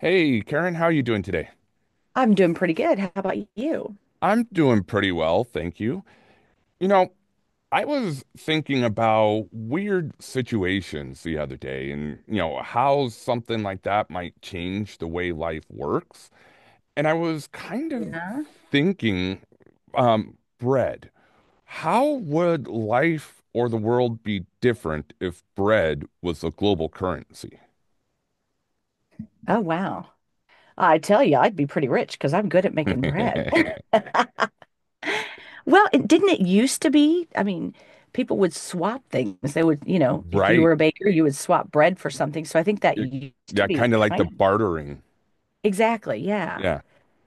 Hey, Karen, how are you doing today? I'm doing pretty good. How about you? I'm doing pretty well, thank you. You know, I was thinking about weird situations the other day and, how something like that might change the way life works. And I was kind of Yeah. thinking, bread. How would life or the world be different if bread was a global currency? Oh, wow. I tell you, I'd be pretty rich because I'm good at making bread. Well, it, didn't it used to be? I mean, people would swap things. They would, if you Right. were a baker, you would swap bread for something. So I think that It- used to yeah, be kind of like the kind of. bartering. Exactly, yeah. Yeah,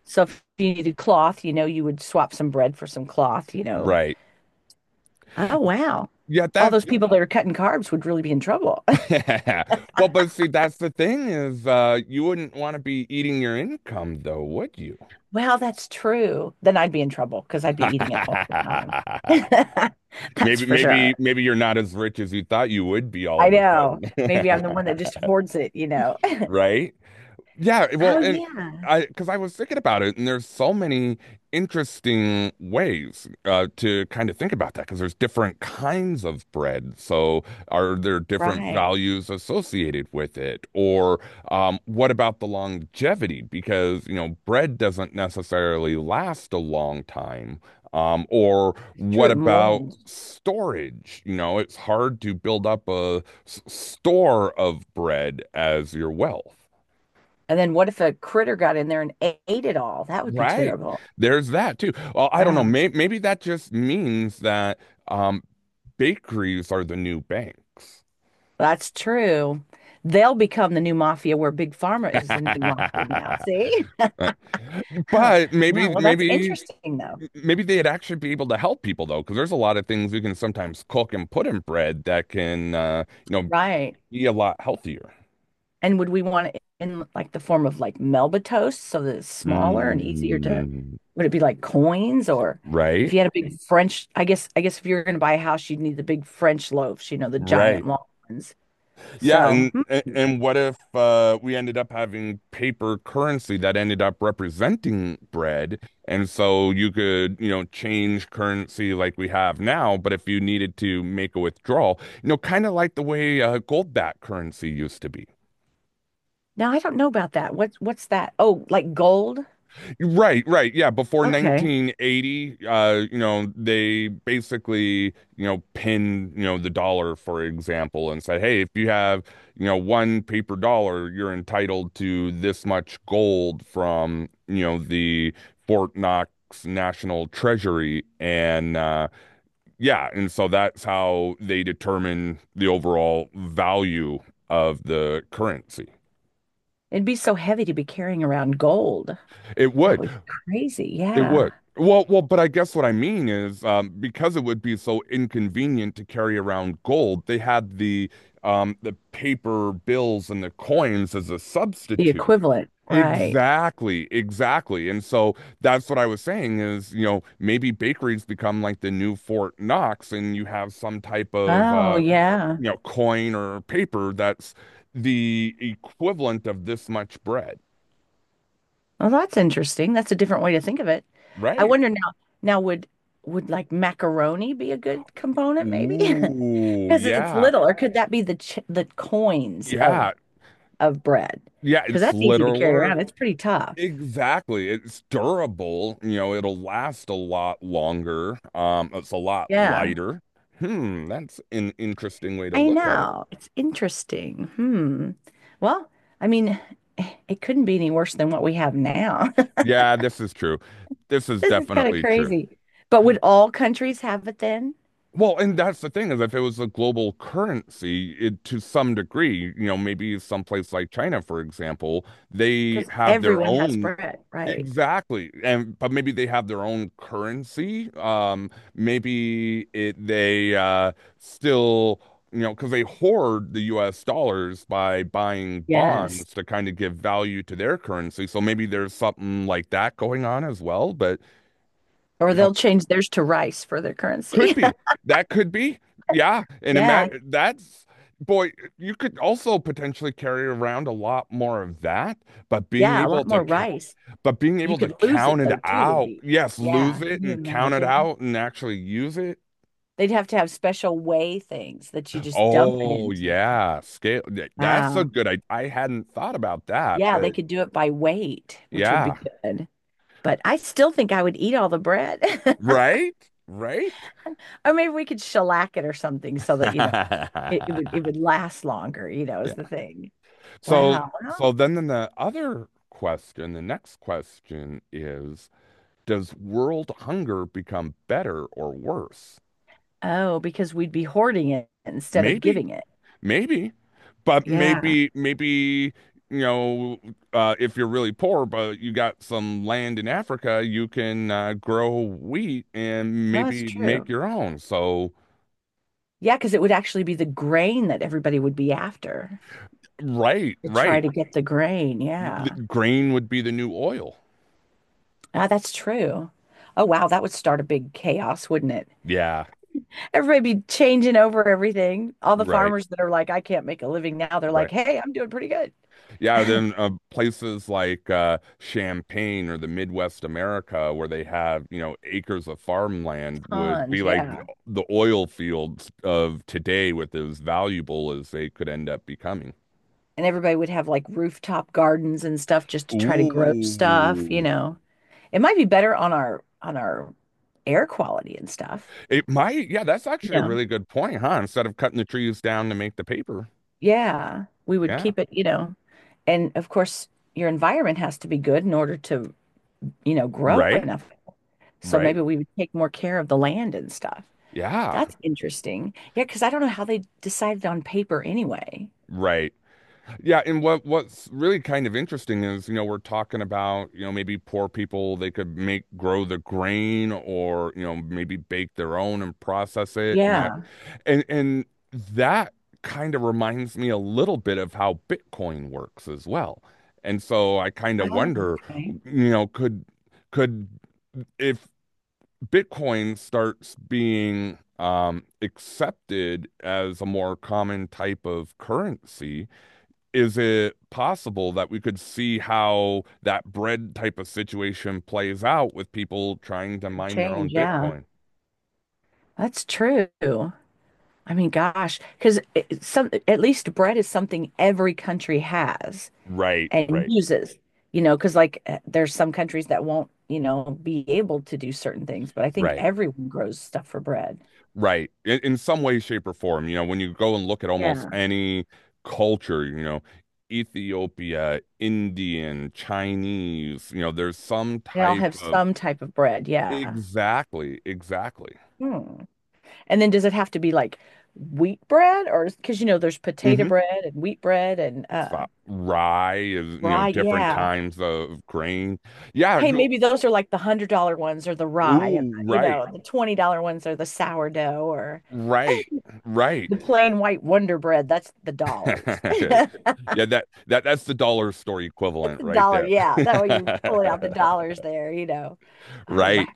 So if you needed cloth, you would swap some bread for some cloth. right. Oh, wow. Yeah, All that. those, yeah, people that are cutting carbs would really be in trouble. Well, but see, that's the thing is, you wouldn't want to be eating your income, though, would you? Well, that's true. Then I'd be in trouble because I'd be eating it all the time. That's Maybe, for maybe, sure. maybe you're not as rich as you thought you would be all I of a know. sudden. Maybe I'm the one that just hoards it. Right? Yeah, well, Oh, and yeah. I because I was thinking about it, and there's so many interesting ways to kind of think about that because there's different kinds of bread. So are there different Right. values associated with it? Or what about the longevity? Because bread doesn't necessarily last a long time. Or It's true. what It about molds. storage? It's hard to build up a store of bread as your wealth. And then what if a critter got in there and ate it all? That would be Right. terrible. There's that too. Well, I don't know. Wow. Maybe that just means that um, bakeries are the new banks. That's true. They'll become the new mafia where Big Pharma is the new mafia now. See? Right. Oh, But wow. maybe, Well, that's maybe, interesting, though. maybe they'd actually be able to help people though, because there's a lot of things you can sometimes cook and put in bread that can, Right. be a lot healthier. And would we want it in like the form of like Melba toast so that it's smaller and easier to, Mm, would it be like coins? Or if right. you had a big French, I guess if you're going to buy a house, you'd need the big French loaves, the giant Right. long ones. Yeah, So and and what if we ended up having paper currency that ended up representing bread, and so you could, change currency like we have now, but if you needed to make a withdrawal, kind of like the way gold-backed currency used to be. now I don't know about that. What's that? Oh, like gold? Right, right. Yeah, before Okay. 1980, they basically, pinned, the dollar, for example, and said, hey, if you have, one paper dollar, you're entitled to this much gold from, the Fort Knox National Treasury. And yeah, and so that's how they determine the overall value of the currency. It'd be so heavy to be carrying around gold. It That would. would be crazy. It would. Yeah. Well, but I guess what I mean is because it would be so inconvenient to carry around gold, they had the paper bills and the coins as a The substitute. equivalent, right? Exactly, exactly. And so that's what I was saying is, maybe bakeries become like the new Fort Knox, and you have some type of Oh, yeah. Coin or paper that's the equivalent of this much bread, Well, that's interesting. That's a different way to think of it. I right? wonder now would like macaroni be a good component maybe? Ooh, Because it's yeah. little, or could that be the coins of Yeah, of bread? yeah, Because it's that's easy to carry around. littler. It's pretty tough. Exactly. It's durable. It'll last a lot longer. It's a lot Yeah, lighter. That's an interesting way to I look at it. know. It's interesting. Hmm. Well, I mean, it couldn't be any worse than what we have now. Yeah, this is true. This is This is kind of definitely true. crazy. But would all countries have it then? Well, and that's the thing is if it was a global currency, it, to some degree, maybe someplace like China, for example, they Because have their everyone has own. bread, right? Exactly. And but maybe they have their own currency. Maybe it they still, because they hoard the US dollars by buying Yes. bonds to kind of give value to their currency. So maybe there's something like that going on as well, but Or you know, they'll change theirs to rice for their could currency. be. That could be. Yeah. And Yeah. imagine that's boy, you could also potentially carry around a lot more of that, but being Yeah. A able lot to more count rice. but being You able to could lose count it it though, too, would out, be. yes, lose Yeah. it Can you and count it imagine? out and actually use it. They'd have to have special weigh things that you just dump it Oh, into. yeah. Scale. That's a Wow. good idea. I hadn't thought about that, Yeah. They but could do it by weight, which would yeah. be good. But I still think I would eat all the bread. Right? Right? Or maybe we could shellac it or something so that, it would last longer, is Yeah. the thing. So, Wow. Well, so then the next question is, does world hunger become better or worse? oh, because we'd be hoarding it instead of Maybe giving it. Maybe, but Yeah. maybe, maybe, you know, if you're really poor, but you got some land in Africa, you can grow wheat and Well, that's maybe make true. your own. So, Yeah, because it would actually be the grain that everybody would be after right, to try right. to get the grain. Th- Yeah. grain would be the new oil. Ah, that's true. Oh, wow. That would start a big chaos, wouldn't it? Yeah, Everybody be changing over everything. All the right, farmers that are like, I can't make a living now, they're like, right. hey, I'm doing pretty good. Yeah, then places like Champaign or the Midwest America, where they have, acres of farmland, would be Tons. like Yeah. the oil fields of today with as valuable as they could end up becoming. And everybody would have like rooftop gardens and stuff just to try to grow stuff, you Ooh. know. It might be better on our air quality and stuff. It might, yeah, that's You actually a know. really good point, huh? Instead of cutting the trees down to make the paper. Yeah, we would Yeah, keep it. And of course, your environment has to be good in order to, grow right, enough. So maybe right. we would take more care of the land and stuff. Yeah, That's interesting. Yeah, because I don't know how they decided on paper anyway. right. Yeah, and what's really kind of interesting is, we're talking about, maybe poor people, they could make grow the grain or, maybe bake their own and process it and that Yeah. and and that kind of reminds me a little bit of how Bitcoin works as well. And so I kind of Oh, wonder, okay. you know, could could if Bitcoin starts being accepted as a more common type of currency, is it possible that we could see how that bread type of situation plays out with people trying to Could mine their change. own Yeah, Bitcoin? that's true. I mean, gosh, because some at least bread is something every country has Right, and right, uses, because like there's some countries that won't, be able to do certain things, but I think right. everyone grows stuff for bread. Right. In some way, shape, or form, when you go and look at almost Yeah. any culture, Ethiopia, Indian, Chinese, there's some They all type have of. some type of bread. Yeah. Exactly, exactly. Hmm. And then does it have to be like wheat bread? Or because there's potato hmm bread and wheat bread and Stop. Rye is, rye, different yeah. times of grain. Yeah. Hey, maybe those are like the $100 ones or the rye, and Ooh, right. The $20 ones are the sourdough or Right. Right. the plain white Wonder Bread. That's the dollars. Yeah, that's the dollar store equivalent right Dollar, there. yeah. That way you're pulling out the dollars there. Oh, wow. Right.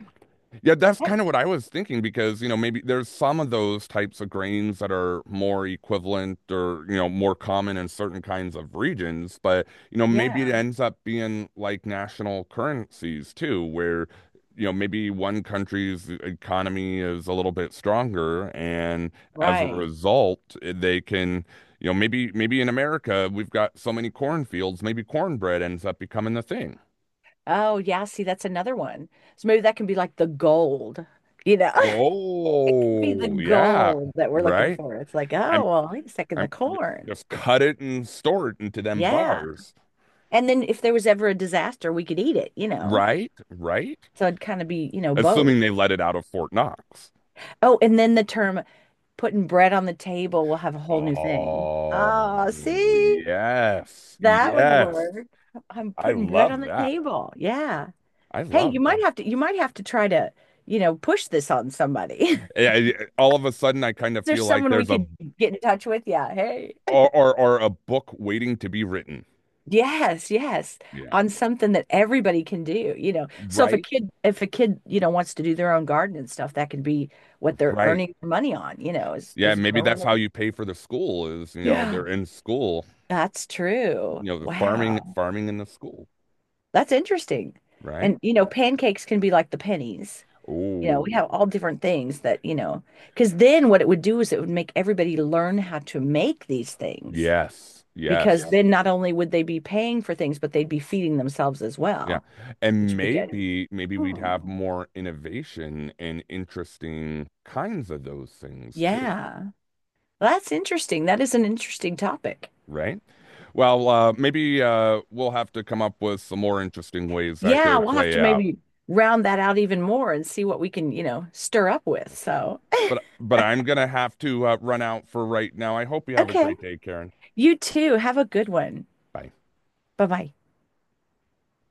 Yeah, that's That- kind of what I was thinking because, maybe there's some of those types of grains that are more equivalent or, more common in certain kinds of regions, but, maybe it yeah, ends up being like national currencies too, where, maybe one country's economy is a little bit stronger and as a right. result, they can, maybe in America we've got so many cornfields, maybe cornbread ends up becoming the thing. Oh, yeah. See, that's another one. So maybe that can be like the gold, you know. It could be the Oh, yeah, gold that we're looking right. for. It's like, I'm. oh, well, wait a second, the I'm corn. just cut it and store it into them Yeah. bars. And then if there was ever a disaster, we could eat it. Right? Right? So it'd kind of be, both. Assuming they let it out of Fort Knox. Oh, and then the term putting bread on the table will have a whole new thing. Oh, Oh, see? yes. That would Yes. work. I'm I putting bread on love the that. table. Yeah. I Hey, you love might that. have to you might have to try to, push this on somebody. Is All of a sudden, I kind of there feel like someone we there's a could get in touch with? Yeah. Hey. Or a book waiting to be written. Yes, yes. Yeah. On something that everybody can do. So if a Right? kid if a kid, wants to do their own garden and stuff, that could be what they're Right. earning their money on, is Yeah, is maybe growing. that's how you pay for the school is, Yeah. they're in school, That's true. The farming Wow. farming in the school, That's interesting. right? And pancakes can be like the pennies. We Oh. have all different things that, because then what it would do is it would make everybody learn how to make these things. Yes. Because, yeah, Yes. then not only would they be paying for things, but they'd be feeding themselves as Yeah. well, which And would be good. maybe we'd have Hmm. more innovation and interesting kinds of those things too, Yeah. Well, that's interesting. That is an interesting topic. right? Well, maybe we'll have to come up with some more interesting ways that Yeah, could we'll have to play out. maybe round that out even more and see what we can, stir up with. So, But I'm gonna have to run out for right now. I hope you have a okay. great day, Karen. You too. Have a good one. Bye. Bye-bye.